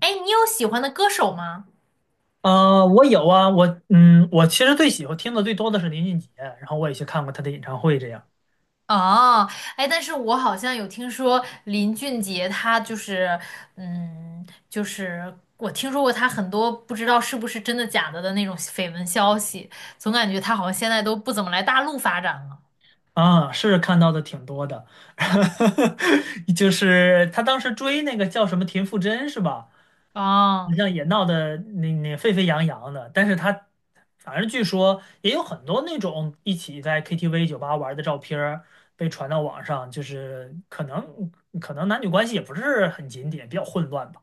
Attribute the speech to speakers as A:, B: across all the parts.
A: 哎，你有喜欢的歌手吗？
B: 我有啊，我其实最喜欢听的最多的是林俊杰，然后我也去看过他的演唱会，这样。
A: 哦，哎，但是我好像有听说林俊杰，他就是，就是我听说过他很多不知道是不是真的假的的那种绯闻消息，总感觉他好像现在都不怎么来大陆发展了。
B: 啊，是看到的挺多的。就是他当时追那个叫什么田馥甄是吧？你
A: 哦。
B: 像也闹得那沸沸扬扬的，但是他反正据说也有很多那种一起在 KTV 酒吧玩的照片儿被传到网上，就是可能男女关系也不是很检点，比较混乱吧。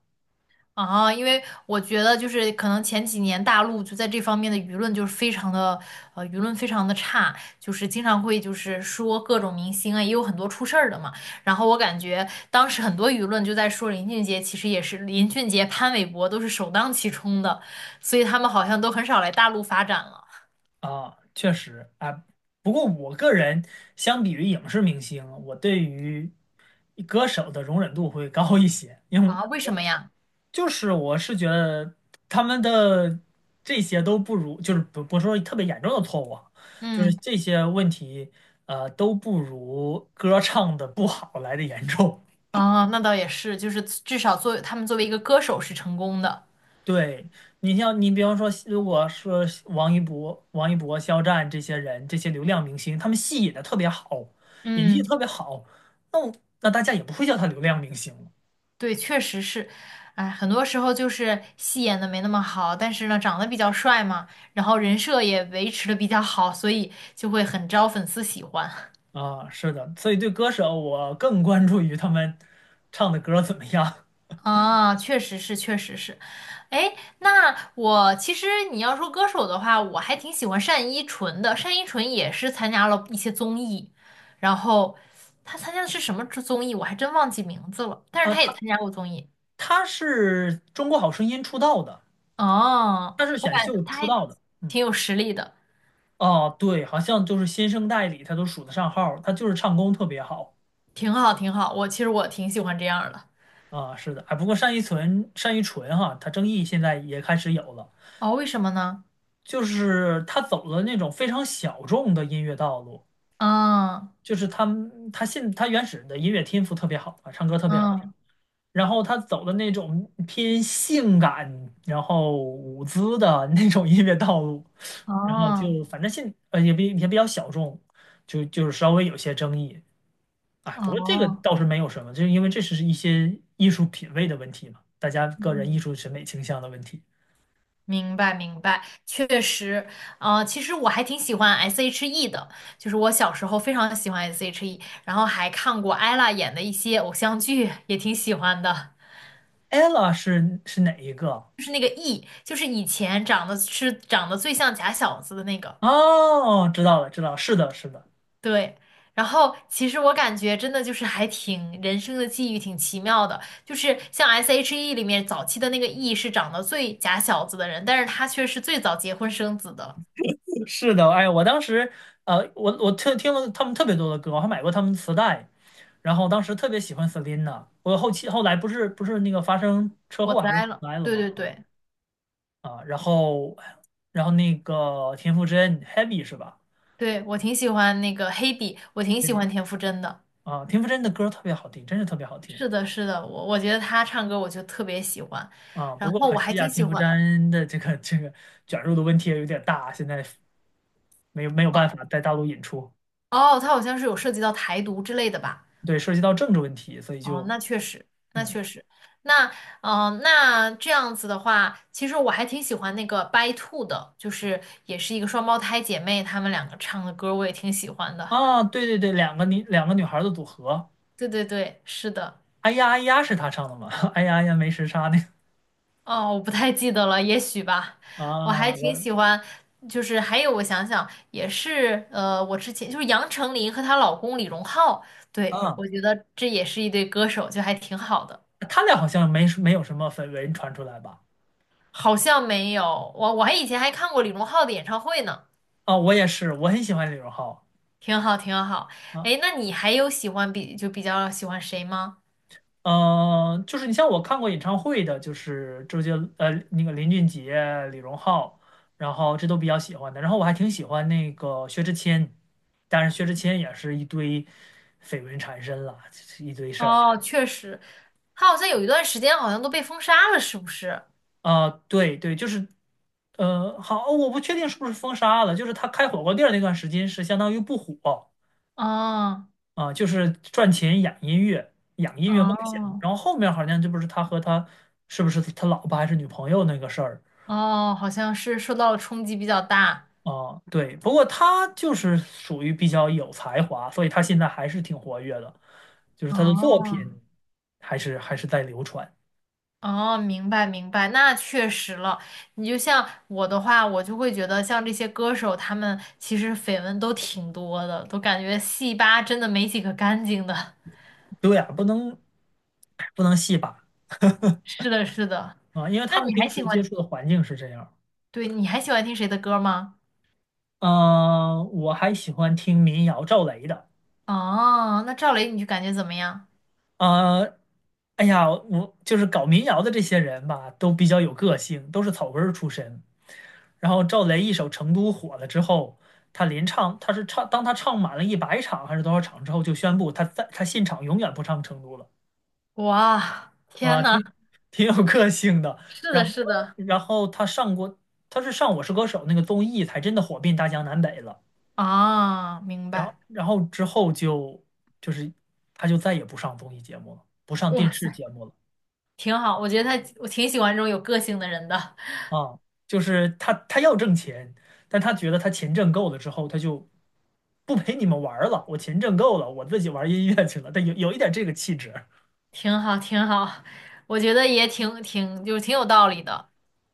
A: 啊，因为我觉得就是可能前几年大陆就在这方面的舆论就是非常的，舆论非常的差，就是经常会就是说各种明星啊，也有很多出事儿的嘛。然后我感觉当时很多舆论就在说林俊杰，其实也是林俊杰、潘玮柏都是首当其冲的，所以他们好像都很少来大陆发展了
B: 啊，确实啊。不过我个人相比于影视明星，我对于歌手的容忍度会高一些。因为
A: 啊？为什么呀？
B: 就是我是觉得他们的这些都不如，就是不是说特别严重的错误啊，就是
A: 嗯，
B: 这些问题，都不如歌唱的不好来的严重。
A: 啊，那倒也是，就是至少作为他们作为一个歌手是成功的，
B: 对，你像你比方说，如果说王一博、肖战这些人，这些流量明星，他们戏演的特别好，演技
A: 嗯。
B: 特别好，那我那大家也不会叫他流量明星了。
A: 对，确实是，哎，很多时候就是戏演的没那么好，但是呢，长得比较帅嘛，然后人设也维持的比较好，所以就会很招粉丝喜欢
B: 啊，是的，所以对歌手我更关注于他们唱的歌怎么样。
A: 啊，确实是，确实是。哎，那我其实你要说歌手的话，我还挺喜欢单依纯的，单依纯也是参加了一些综艺，然后他参加的是什么综艺，我还真忘记名字了，但是
B: 啊。
A: 他也
B: 他
A: 参加过综艺，
B: 他是中国好声音出道的，
A: 哦，
B: 他是
A: 我
B: 选
A: 感觉
B: 秀
A: 他
B: 出
A: 还
B: 道的。嗯，
A: 挺有实力的。
B: 哦，对，好像就是新生代里他都数得上号儿，他就是唱功特别好。
A: 挺好，挺好。我其实我挺喜欢这样儿的。
B: 啊，是的。哎，不过单依纯哈，他争议现在也开始有了，
A: 哦，为什么呢？
B: 就是他走了那种非常小众的音乐道路。
A: 嗯
B: 就是他原始的音乐天赋特别好啊，唱歌特别好听，
A: 嗯
B: 然后他走的那种偏性感，然后舞姿的 那种音乐道路，然后
A: 哦
B: 就反正也比较小众，就是稍微有些争议。哎，不过这个
A: 哦，
B: 倒是没有什么，就是因为这是一些艺术品味的问题嘛，大家个人艺
A: 嗯，
B: 术审美倾向的问题。
A: 明白明白，确实。其实我还挺喜欢 S.H.E 的，就是我小时候非常喜欢 S.H.E，然后还看过 ella 演的一些偶像剧，也挺喜欢的。
B: Ella 是哪一个？
A: 就是那个 E，就是以前长得是长得最像假小子的那个。
B: 哦，知道了，知道了，是的，是的，
A: 对，然后其实我感觉真的就是还挺人生的际遇挺奇妙的，就是像 SHE 里面早期的那个 E 是长得最假小子的人，但是他却是最早结婚生子的，
B: 是的。哎，我当时，我特听了他们特别多的歌，我还买过他们磁带，然后当时特别喜欢 Selina。我后期后来不是那个发生车
A: 我
B: 祸还是回
A: 栽了。
B: 来了
A: 对
B: 吗？
A: 对对
B: 啊，然后那个田馥甄 Heavy 是吧
A: 对，我挺喜欢那个黑笔，我挺喜
B: ？Heavy
A: 欢田馥甄的。
B: 啊，田馥甄的歌特别好听，真是特别好听。
A: 是的，是的，我觉得他唱歌我就特别喜欢，
B: 啊，
A: 然
B: 不过
A: 后
B: 可
A: 我还
B: 惜啊，
A: 挺喜
B: 田馥
A: 欢
B: 甄的这个卷入的问题也有点大，现在没有办法在大陆引出。
A: 哦，他好像是有涉及到台独之类的吧。
B: 对，涉及到政治问题，所以
A: 哦，
B: 就
A: 那确实，那
B: 嗯。
A: 确实，那那这样子的话，其实我还挺喜欢那个 By Two 的，就是也是一个双胞胎姐妹，她们两个唱的歌我也挺喜欢的。
B: 啊，对对对，两个女孩的组合。
A: 对对对，是的。
B: 哎呀哎呀是他唱的吗？哎呀哎呀没时差那
A: 哦，我不太记得了，也许吧。
B: 个。
A: 我还挺喜欢，就是还有我想想，也是我之前就是杨丞琳和她老公李荣浩，对，
B: 啊，
A: 我觉得这也是一对歌手，就还挺好的。
B: 他俩好像没有什么绯闻传出来吧？
A: 好像没有，我还以前还看过李荣浩的演唱会呢。
B: 啊，我也是，我很喜欢李荣浩。
A: 挺好，挺好。
B: 啊。
A: 哎，那你还有喜欢比就比较喜欢谁吗？
B: 嗯，就是你像我看过演唱会的，就是周杰，那个林俊杰、李荣浩，然后这都比较喜欢的。然后我还挺喜欢那个薛之谦，但是薛之谦也是一堆绯闻缠身了，就是一堆事儿。
A: 哦，确实，他好像有一段时间好像都被封杀了，是不是？
B: 啊。对对，就是，好，我不确定是不是封杀了，就是他开火锅店儿那段时间是相当于不火
A: 哦
B: 啊，就是赚钱养音乐，养音乐梦想。
A: 哦
B: 然后后面好像这不是他和他是不是他老婆还是女朋友那个事儿。
A: 哦，好像是受到了冲击比较大。
B: 哦，对，不过他就是属于比较有才华，所以他现在还是挺活跃的，就是他的作
A: 哦
B: 品还是在流传。
A: 哦，明白明白，那确实了。你就像我的话，我就会觉得像这些歌手，他们其实绯闻都挺多的，都感觉戏吧真的没几个干净的。
B: 对呀，不能不能戏把。
A: 是的，是的。
B: 啊，因为
A: 那
B: 他们
A: 你还
B: 平时
A: 喜
B: 接
A: 欢，
B: 触的环境是这样。
A: 对，你还喜欢听谁的歌吗？
B: 嗯、我还喜欢听民谣赵雷的。
A: 哦，那赵雷你就感觉怎么样？
B: 呃，哎呀，我就是搞民谣的这些人吧，都比较有个性，都是草根儿出身。然后赵雷一首《成都》火了之后，他连唱，他是唱，当他唱满了一百场还是多少场之后，就宣布他在他现场永远不唱《成都》了。
A: 哇，天
B: 啊，
A: 呐，
B: 挺挺有个性的。
A: 是
B: 然
A: 的，
B: 后，
A: 是的，
B: 然后他上过，他是上《我是歌手》那个综艺，才真的火遍大江南北了。
A: 啊，明
B: 然后，
A: 白，
B: 然后之后就是他就再也不上综艺节目了，不上电
A: 哇
B: 视
A: 塞，
B: 节目了。
A: 挺好。我觉得他，我挺喜欢这种有个性的人的，
B: 啊，就是他要挣钱，但他觉得他钱挣够了之后，他就不陪你们玩儿了，我钱挣够了，我自己玩儿音乐去了。但有一点这个气质。
A: 挺好，挺好。我觉得也挺，就是挺有道理的。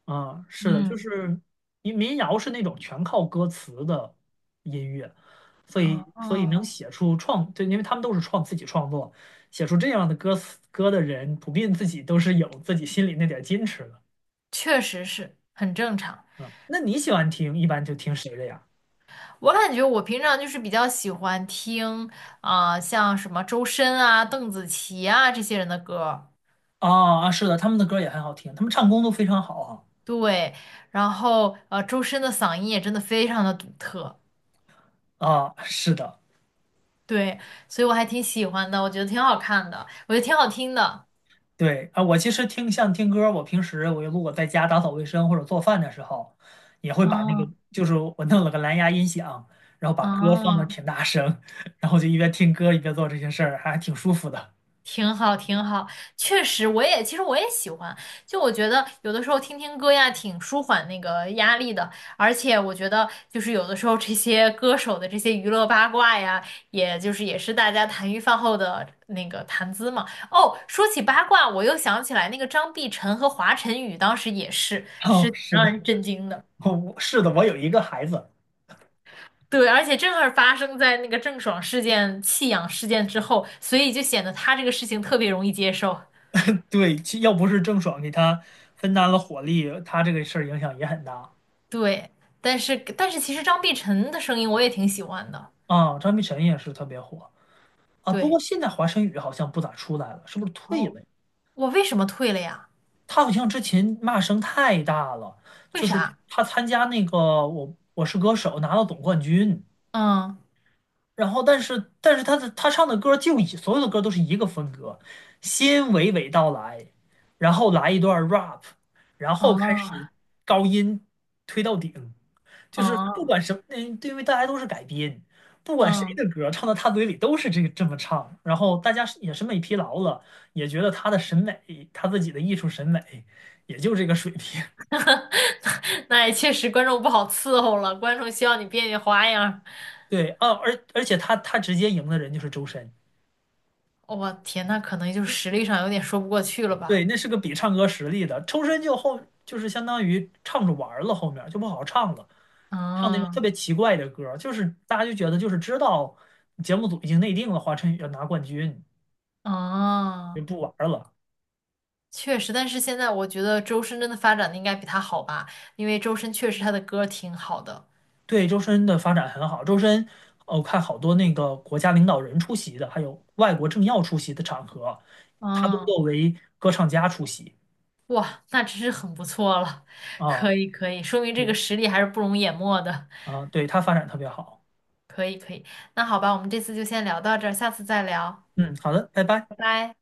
B: 啊，是的，就
A: 嗯
B: 是民谣是那种全靠歌词的音乐，所
A: 嗯
B: 以所以能
A: 嗯，哦
B: 写出创，对，因为他们都是创自己创作，写出这样的歌词歌的人，普遍自己都是有自己心里那点矜持的。
A: 确实是很正常。
B: 嗯，那你喜欢听，一般就听谁的呀？
A: 我感觉我平常就是比较喜欢听啊、像什么周深啊、邓紫棋啊这些人的歌。
B: 啊啊，是的，他们的歌也很好听，他们唱功都非常好啊。
A: 对，然后周深的嗓音也真的非常的独特，
B: 啊，是的。
A: 对，所以我还挺喜欢的，我觉得挺好看的，我觉得挺好听的。
B: 对啊，我其实听像听歌儿，我平时我如果在家打扫卫生或者做饭的时候，也会把那个
A: 嗯
B: 就是我弄了个蓝牙音响，然后把歌放的
A: 嗯，
B: 挺大声，然后就一边听歌一边做这些事儿，还挺舒服的。
A: 挺好，挺好，确实，我也其实我也喜欢。就我觉得有的时候听听歌呀，挺舒缓那个压力的。而且我觉得，就是有的时候这些歌手的这些娱乐八卦呀，也就是也是大家谈余饭后的那个谈资嘛。哦，说起八卦，我又想起来那个张碧晨和华晨宇当时也是，
B: 哦，
A: 是挺
B: 是
A: 让
B: 的。
A: 人震惊的。
B: 哦，是的，我有一个孩子。
A: 对，而且正好发生在那个郑爽事件、弃养事件之后，所以就显得他这个事情特别容易接受。
B: 对，其要不是郑爽给他分担了火力，他这个事儿影响也很大。
A: 对，但是其实张碧晨的声音我也挺喜欢的。
B: 啊。张碧晨也是特别火。啊，不过
A: 对，
B: 现在华晨宇好像不咋出来了，是不是退
A: 哦，
B: 了呀？
A: 我为什么退了呀？
B: 他好像之前骂声太大了，
A: 为
B: 就是
A: 啥？
B: 他参加那个我是歌手拿到总冠军，
A: 嗯，
B: 然后但是他的他唱的歌就以所有的歌都是一个风格，先娓娓道来，然后来一段 rap，然后开始
A: 啊
B: 高音推到顶，就是不
A: 啊
B: 管什么，嗯，对因为大家都是改编，不管谁
A: 嗯，
B: 的歌唱到他嘴里都是这个这么唱，然后大家是也审美疲劳了，也觉得他的审美，他自己的艺术审美也就这个水平。
A: 那也确实观众不好伺候了，观众希望你变变花样儿
B: 对啊，而且他直接赢的人就是周深。
A: 我天，那可能就是实力上有点说不过去了吧？
B: 对，那是个比唱歌实力的，周深就后就是相当于唱着玩儿了，后面就不好唱了，唱那种特
A: 嗯
B: 别奇怪的歌儿就是大家就觉得就是知道节目组已经内定了华晨宇要拿冠军，就
A: 嗯，
B: 不玩儿了。
A: 确实，但是现在我觉得周深真的发展的应该比他好吧，因为周深确实他的歌挺好的。
B: 对，周深的发展很好，周深，我看好多那个国家领导人出席的，还有外国政要出席的场合，他都
A: 嗯。
B: 作为歌唱家出席。
A: 哇，那真是很不错了，
B: 啊，
A: 可以可以，说明这个
B: 对
A: 实力还是不容淹没的，
B: 啊，对他发展特别好。
A: 可以可以，那好吧，我们这次就先聊到这儿，下次再聊，
B: 嗯，好的，拜拜。
A: 拜拜。